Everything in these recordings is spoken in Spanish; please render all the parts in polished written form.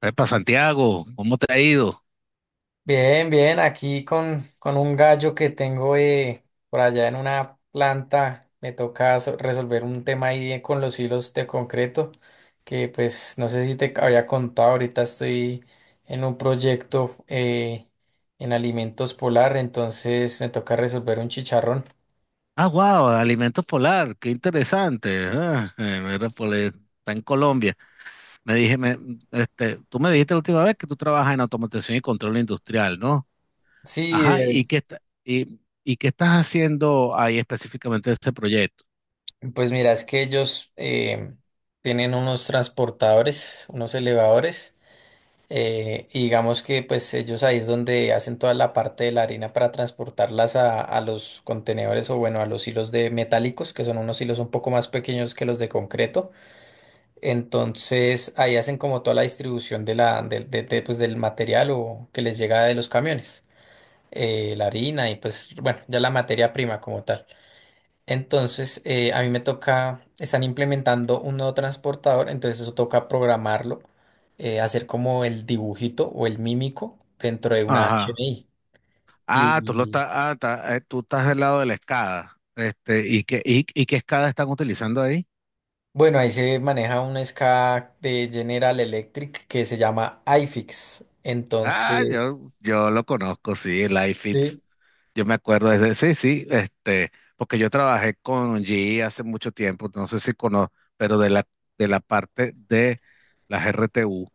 Epa, Santiago, ¿cómo te ha ido? Bien, bien, aquí con un gallo que tengo por allá en una planta, me toca resolver un tema ahí con los hilos de concreto, que pues no sé si te había contado, ahorita estoy en un proyecto en alimentos polar, entonces me toca resolver un chicharrón. Ah, wow, alimentos polar, qué interesante. Ah, mira, pues, está en Colombia. Me dije, me- este, tú me dijiste la última vez que tú trabajas en automatización y control industrial, ¿no? Sí, Ajá. ¿Y qué estás haciendo ahí específicamente de este proyecto? pues mira, es que ellos tienen unos transportadores, unos elevadores. Y digamos que pues ellos ahí es donde hacen toda la parte de la harina para transportarlas a los contenedores o bueno, a los hilos de metálicos, que son unos hilos un poco más pequeños que los de concreto. Entonces ahí hacen como toda la distribución de la, del de, pues, del material o que les llega de los camiones, la harina y pues bueno, ya la materia prima como tal. Entonces, a mí me toca, están implementando un nuevo transportador, entonces eso toca programarlo, hacer como el dibujito o el mímico dentro de una Ajá. HMI. Ah, tú lo Y estás, tú estás del lado de la escada. Este, ¿Y qué escada están utilizando ahí? bueno, ahí se maneja un SCADA de General Electric que se llama iFix. Ah, Entonces, yo lo conozco, sí, el iFit. sí. Yo me acuerdo sí, sí, este, porque yo trabajé con GE hace mucho tiempo, no sé si conozco, pero de la parte de las RTU.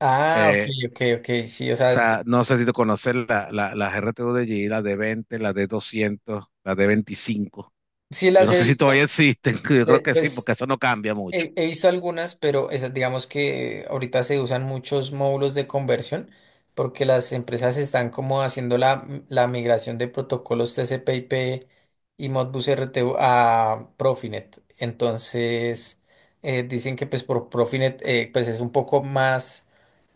Ah, ok, eh, ok, ok, sí, o o sea, sea, no sé si tú conoces la, las RTU de GE, la de 20, la de 200, la de 25. sí Yo las no he sé si visto. todavía existen, yo creo de- que sí, pues porque eso no cambia mucho. he visto algunas, pero esas, digamos que ahorita se usan muchos módulos de conversión porque las empresas están como haciendo la migración de protocolos TCP/IP y Modbus RTU a Profinet. Entonces, dicen que pues por Profinet pues es un poco más,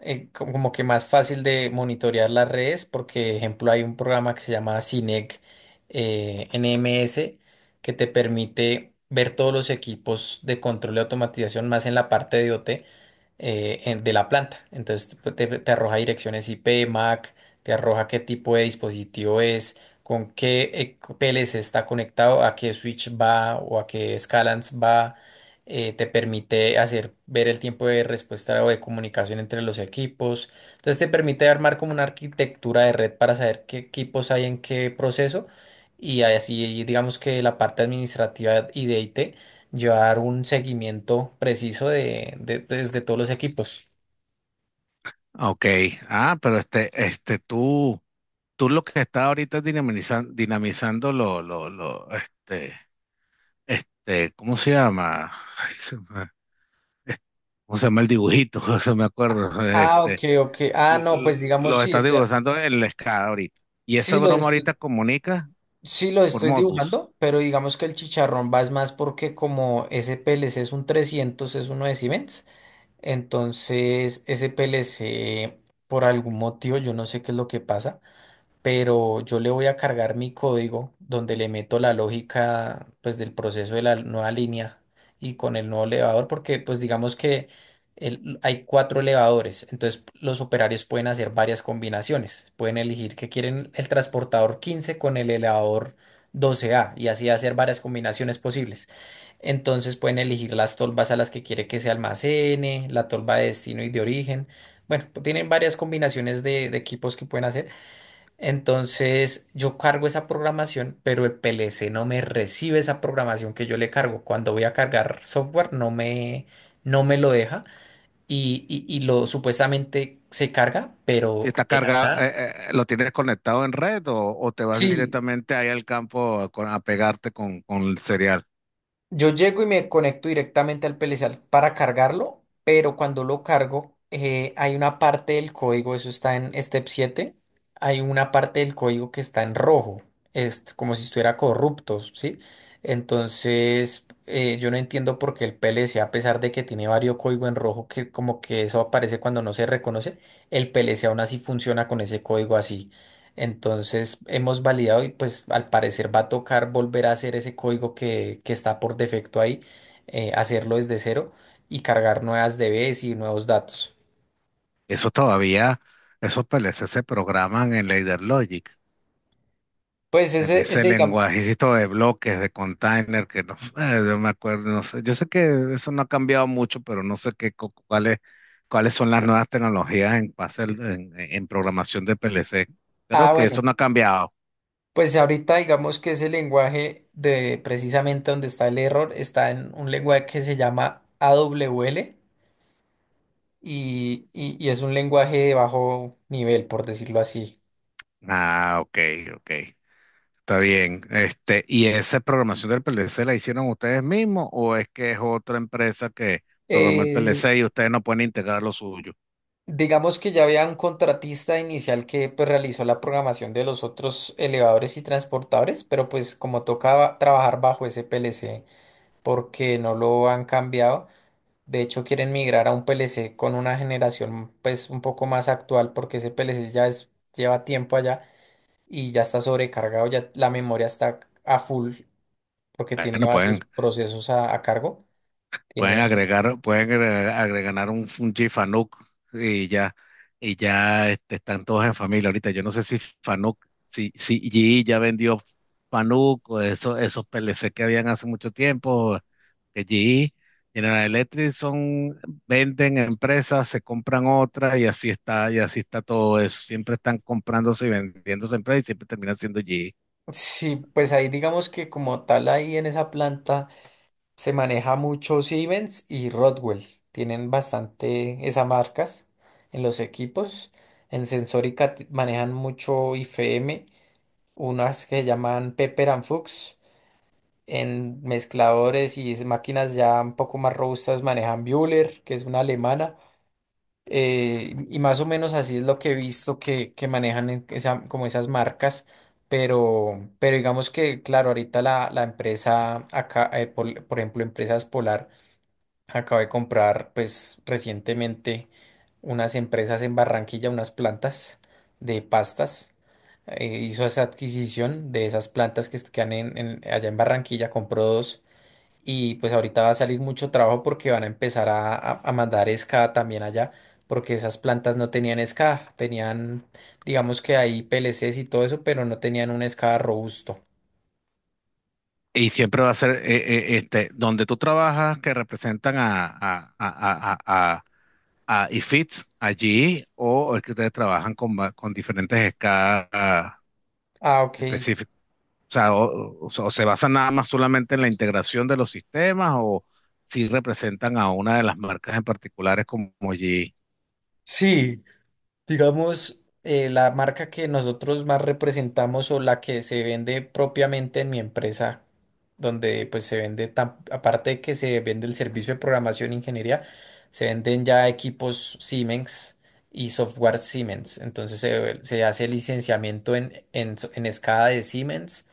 como que más fácil de monitorear las redes porque, ejemplo, hay un programa que se llama CINEC NMS que te permite ver todos los equipos de control y automatización más en la parte de IoT de la planta. Entonces te arroja direcciones IP, MAC, te arroja qué tipo de dispositivo es, con qué PLC está conectado, a qué switch va o a qué scalans va. Te permite hacer ver el tiempo de respuesta o de comunicación entre los equipos. Entonces te permite armar como una arquitectura de red para saber qué equipos hay en qué proceso. Y así digamos que la parte administrativa y de IT llevar un seguimiento preciso de todos los equipos. Ok, ah, pero este, tú lo que está ahorita dinamizando, lo, este, ¿cómo se llama? Ay, ¿Cómo se llama el dibujito? se me acuerdo. Ah, ok, Este, ok. Ah, l- no, l- pues digamos lo sí, está dibujando en la escala ahorita. Y esa sí los broma ahorita estoy, comunica sí los por estoy Modbus. dibujando, pero digamos que el chicharrón va es más porque como ese PLC es un 300 es uno de Siemens, entonces ese PLC por algún motivo, yo no sé qué es lo que pasa, pero yo le voy a cargar mi código donde le meto la lógica pues del proceso de la nueva línea y con el nuevo elevador porque pues digamos que hay cuatro elevadores, entonces los operarios pueden hacer varias combinaciones, pueden elegir que quieren el transportador 15 con el elevador 12A y así hacer varias combinaciones posibles. Entonces pueden elegir las tolvas a las que quiere que se almacene, la tolva de destino y de origen. Bueno, tienen varias combinaciones de equipos que pueden hacer. Entonces yo cargo esa programación, pero el PLC no me recibe esa programación que yo le cargo. Cuando voy a cargar software no me lo deja y lo supuestamente se carga, Y pero está de la cargado, nada. ¿Lo tienes conectado en red o te vas Sí, directamente ahí al campo a, a pegarte con, el serial? yo llego y me conecto directamente al PLC para cargarlo, pero cuando lo cargo, hay una parte del código, eso está en Step siete, hay una parte del código que está en rojo, es como si estuviera corrupto, ¿sí? Entonces, yo no entiendo por qué el PLC, a pesar de que tiene varios códigos en rojo, que como que eso aparece cuando no se reconoce, el PLC aún así funciona con ese código así. Entonces hemos validado y pues al parecer va a tocar volver a hacer ese código que está por defecto ahí, hacerlo desde cero y cargar nuevas DBs y nuevos datos. Eso todavía, esos PLC se programan en Logic. Pues En ese, ese ese digamos, lenguajecito de bloques, de container, que no, yo me acuerdo, no sé, yo sé que eso no ha cambiado mucho, pero no sé qué, cuáles son las nuevas tecnologías en, en programación de PLC. Creo ah que eso bueno, no ha cambiado. pues ahorita digamos que ese lenguaje de precisamente donde está el error está en un lenguaje que se llama AWL y es un lenguaje de bajo nivel, por decirlo así. Ah, ok, ok, está bien. Este, ¿y esa programación del PLC la hicieron ustedes mismos o es que es otra empresa que programó el Eh, PLC y ustedes no pueden integrar lo suyo? Digamos que ya había un contratista inicial que pues, realizó la programación de los otros elevadores y transportadores, pero pues como tocaba trabajar bajo ese PLC porque no lo han cambiado, de hecho quieren migrar a un PLC con una generación pues un poco más actual porque ese PLC ya es, lleva tiempo allá y ya está sobrecargado, ya la memoria está a full porque tiene Bueno, pueden. varios procesos a cargo. Pueden Tiene, agregar, un, Fanuc y ya, este, están todos en familia ahorita. Yo no sé si Fanuc, si GE ya vendió Fanuc o eso, esos PLC que habían hace mucho tiempo, que GE, General Electric son, venden empresas, se compran otras y así está todo eso. Siempre están comprándose y vendiéndose empresas y siempre terminan siendo GE. sí, pues ahí digamos que como tal ahí en esa planta. Se maneja mucho Siemens y Rodwell. Tienen bastante esas marcas en los equipos. En Sensórica manejan mucho IFM, unas que llaman Pepper and Fuchs. En mezcladores y máquinas ya un poco más robustas manejan Bühler, que es una alemana. Y más o menos así es lo que he visto que manejan en como esas marcas. Pero digamos que, claro, ahorita la, la empresa acá, por ejemplo, Empresas Polar. Acabo de comprar, pues, recientemente unas empresas en Barranquilla, unas plantas de pastas. Hizo esa adquisición de esas plantas que están en allá en Barranquilla, compró dos. Y pues ahorita va a salir mucho trabajo porque van a empezar a a- mandar escada también allá, porque esas plantas no tenían escada, tenían, digamos que ahí PLCs y todo eso, pero no tenían un escada robusto. Y siempre va a ser este, donde tú trabajas que representan a IFITS allí o es que ustedes trabajan con diferentes escalas Ah, ok. específicas. O sea, o se basan nada más solamente en la integración de los sistemas o si representan a una de las marcas en particulares como GE. Sí, digamos, la marca que nosotros más representamos o la que se vende propiamente en mi empresa, donde pues se vende, aparte de que se vende el servicio de programación e ingeniería, se venden ya equipos Siemens y software Siemens. Entonces se hace licenciamiento en escala de Siemens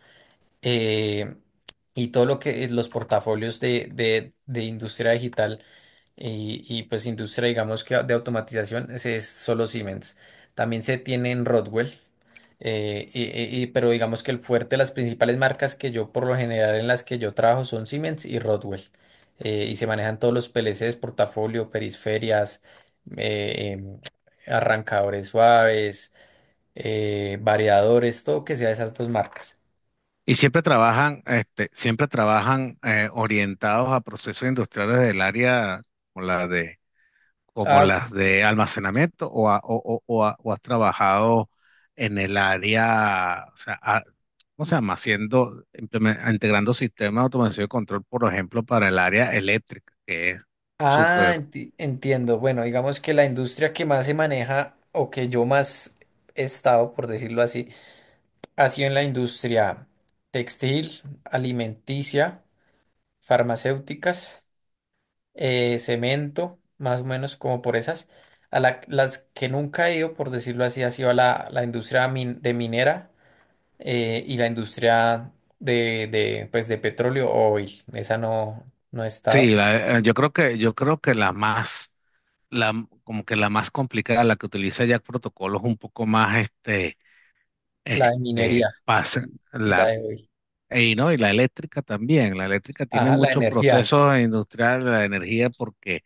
eh, y todo lo que los portafolios de, de industria digital y pues industria, digamos que de automatización, ese es solo Siemens. También se tiene en Rodwell, eh, y- pero digamos que el fuerte, las principales marcas que yo por lo general en las que yo trabajo son Siemens y Rodwell. Y se manejan todos los PLCs, portafolio, periferias, eh, em, arrancadores suaves, variadores, todo que sea de esas dos marcas. Y siempre trabajan, orientados a procesos industriales del área como la de como Ah, las de almacenamiento o, has trabajado en el área, o sea, ¿cómo se llama? Haciendo, integrando sistemas de automación y control, por ejemplo, para el área eléctrica, que es súper. Entiendo. Bueno, digamos que la industria que más se maneja o que yo más he estado, por decirlo así, ha sido en la industria textil, alimenticia, farmacéuticas, cemento, más o menos como por esas. A las que nunca he ido, por decirlo así, ha sido a la industria de minera y la industria de, pues, de petróleo o oil. Esa no, no he estado. Sí, yo creo que, la más, como que la más complicada, la que utiliza ya protocolos un poco más, La de minería pasa, y y la la, de oil. y, ¿no? Y la eléctrica también, la eléctrica tiene Ajá, la muchos energía. procesos industriales, la energía, porque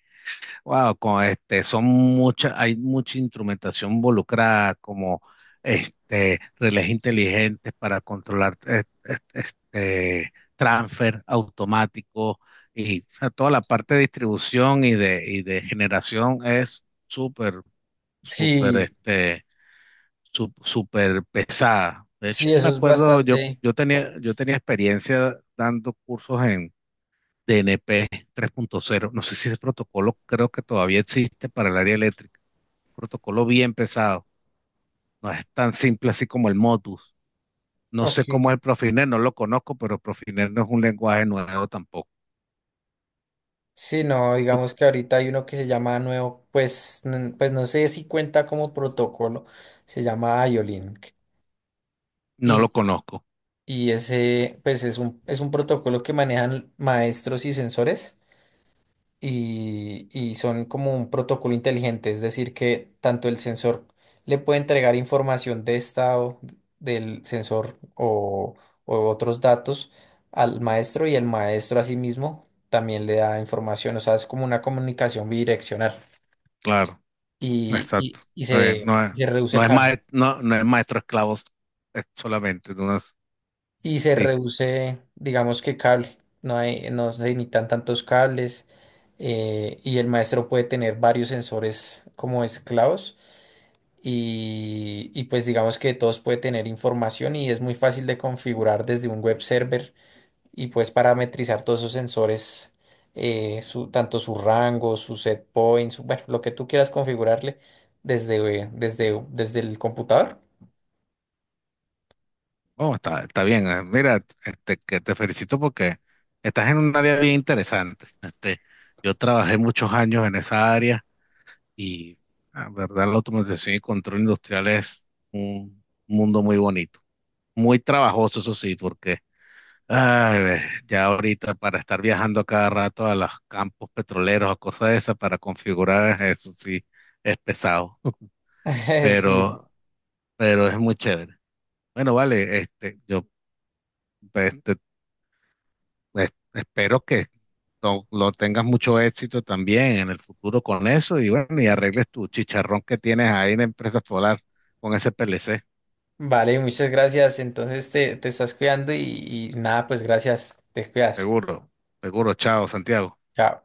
wow, con este, son muchas, hay mucha instrumentación involucrada, como este, relés inteligentes para controlar este, transfer automático y o sea, toda la parte de distribución y de, generación es súper, súper, Sí, súper pesada. De hecho, sí, yo me eso es acuerdo, bastante. O- yo tenía experiencia dando cursos DNP 3.0. No sé si ese protocolo creo que todavía existe para el área eléctrica. Protocolo bien pesado. No es tan simple así como el Modbus. No Ok. sé cómo es el Profinet, no lo conozco, pero Profinet no es un lenguaje nuevo tampoco. Sí, no, Tú- digamos que ahorita hay uno que se llama nuevo, pues, pues no sé si cuenta como protocolo, se llama io. no Y, lo conozco, y ese, pues es un protocolo que manejan maestros y sensores. Y son como un protocolo inteligente, es decir, que tanto el sensor le puede entregar información de estado del sensor o otros datos al maestro y el maestro asimismo también le da información, o sea, es como una comunicación bidireccional claro, y, exacto. y- y Está bien. se, No es, se reduce no es, cable mae- no, no es maestro esclavos es solamente. Tú no es- y se sí. reduce, digamos que cable, no hay, no se necesitan tantos cables y el maestro puede tener varios sensores como esclavos y pues digamos que todos puede tener información y es muy fácil de configurar desde un web server y puedes parametrizar todos esos sensores, su, tanto su rango, su set point, bueno, lo que tú quieras configurarle desde, desde, desde el computador. Oh, está, bien. Mira, este, que te felicito porque estás en un área bien interesante. Este, yo trabajé muchos años en esa área. Y la verdad, la automatización y control industrial es un mundo muy bonito, muy trabajoso, eso sí, porque ay, ve, ya ahorita para estar viajando a cada rato a los campos petroleros o cosas de esas para configurar, eso sí, es pesado, Sí. pero, pero es muy chévere. Bueno, vale, este, este, espero que lo tengas mucho éxito también en el futuro con eso y bueno, y arregles tu chicharrón que tienes ahí en Empresa Solar con ese PLC. Vale, muchas gracias. Entonces te estás cuidando y nada, pues gracias, te cuidas. Seguro, seguro. Chao, Santiago. Chao.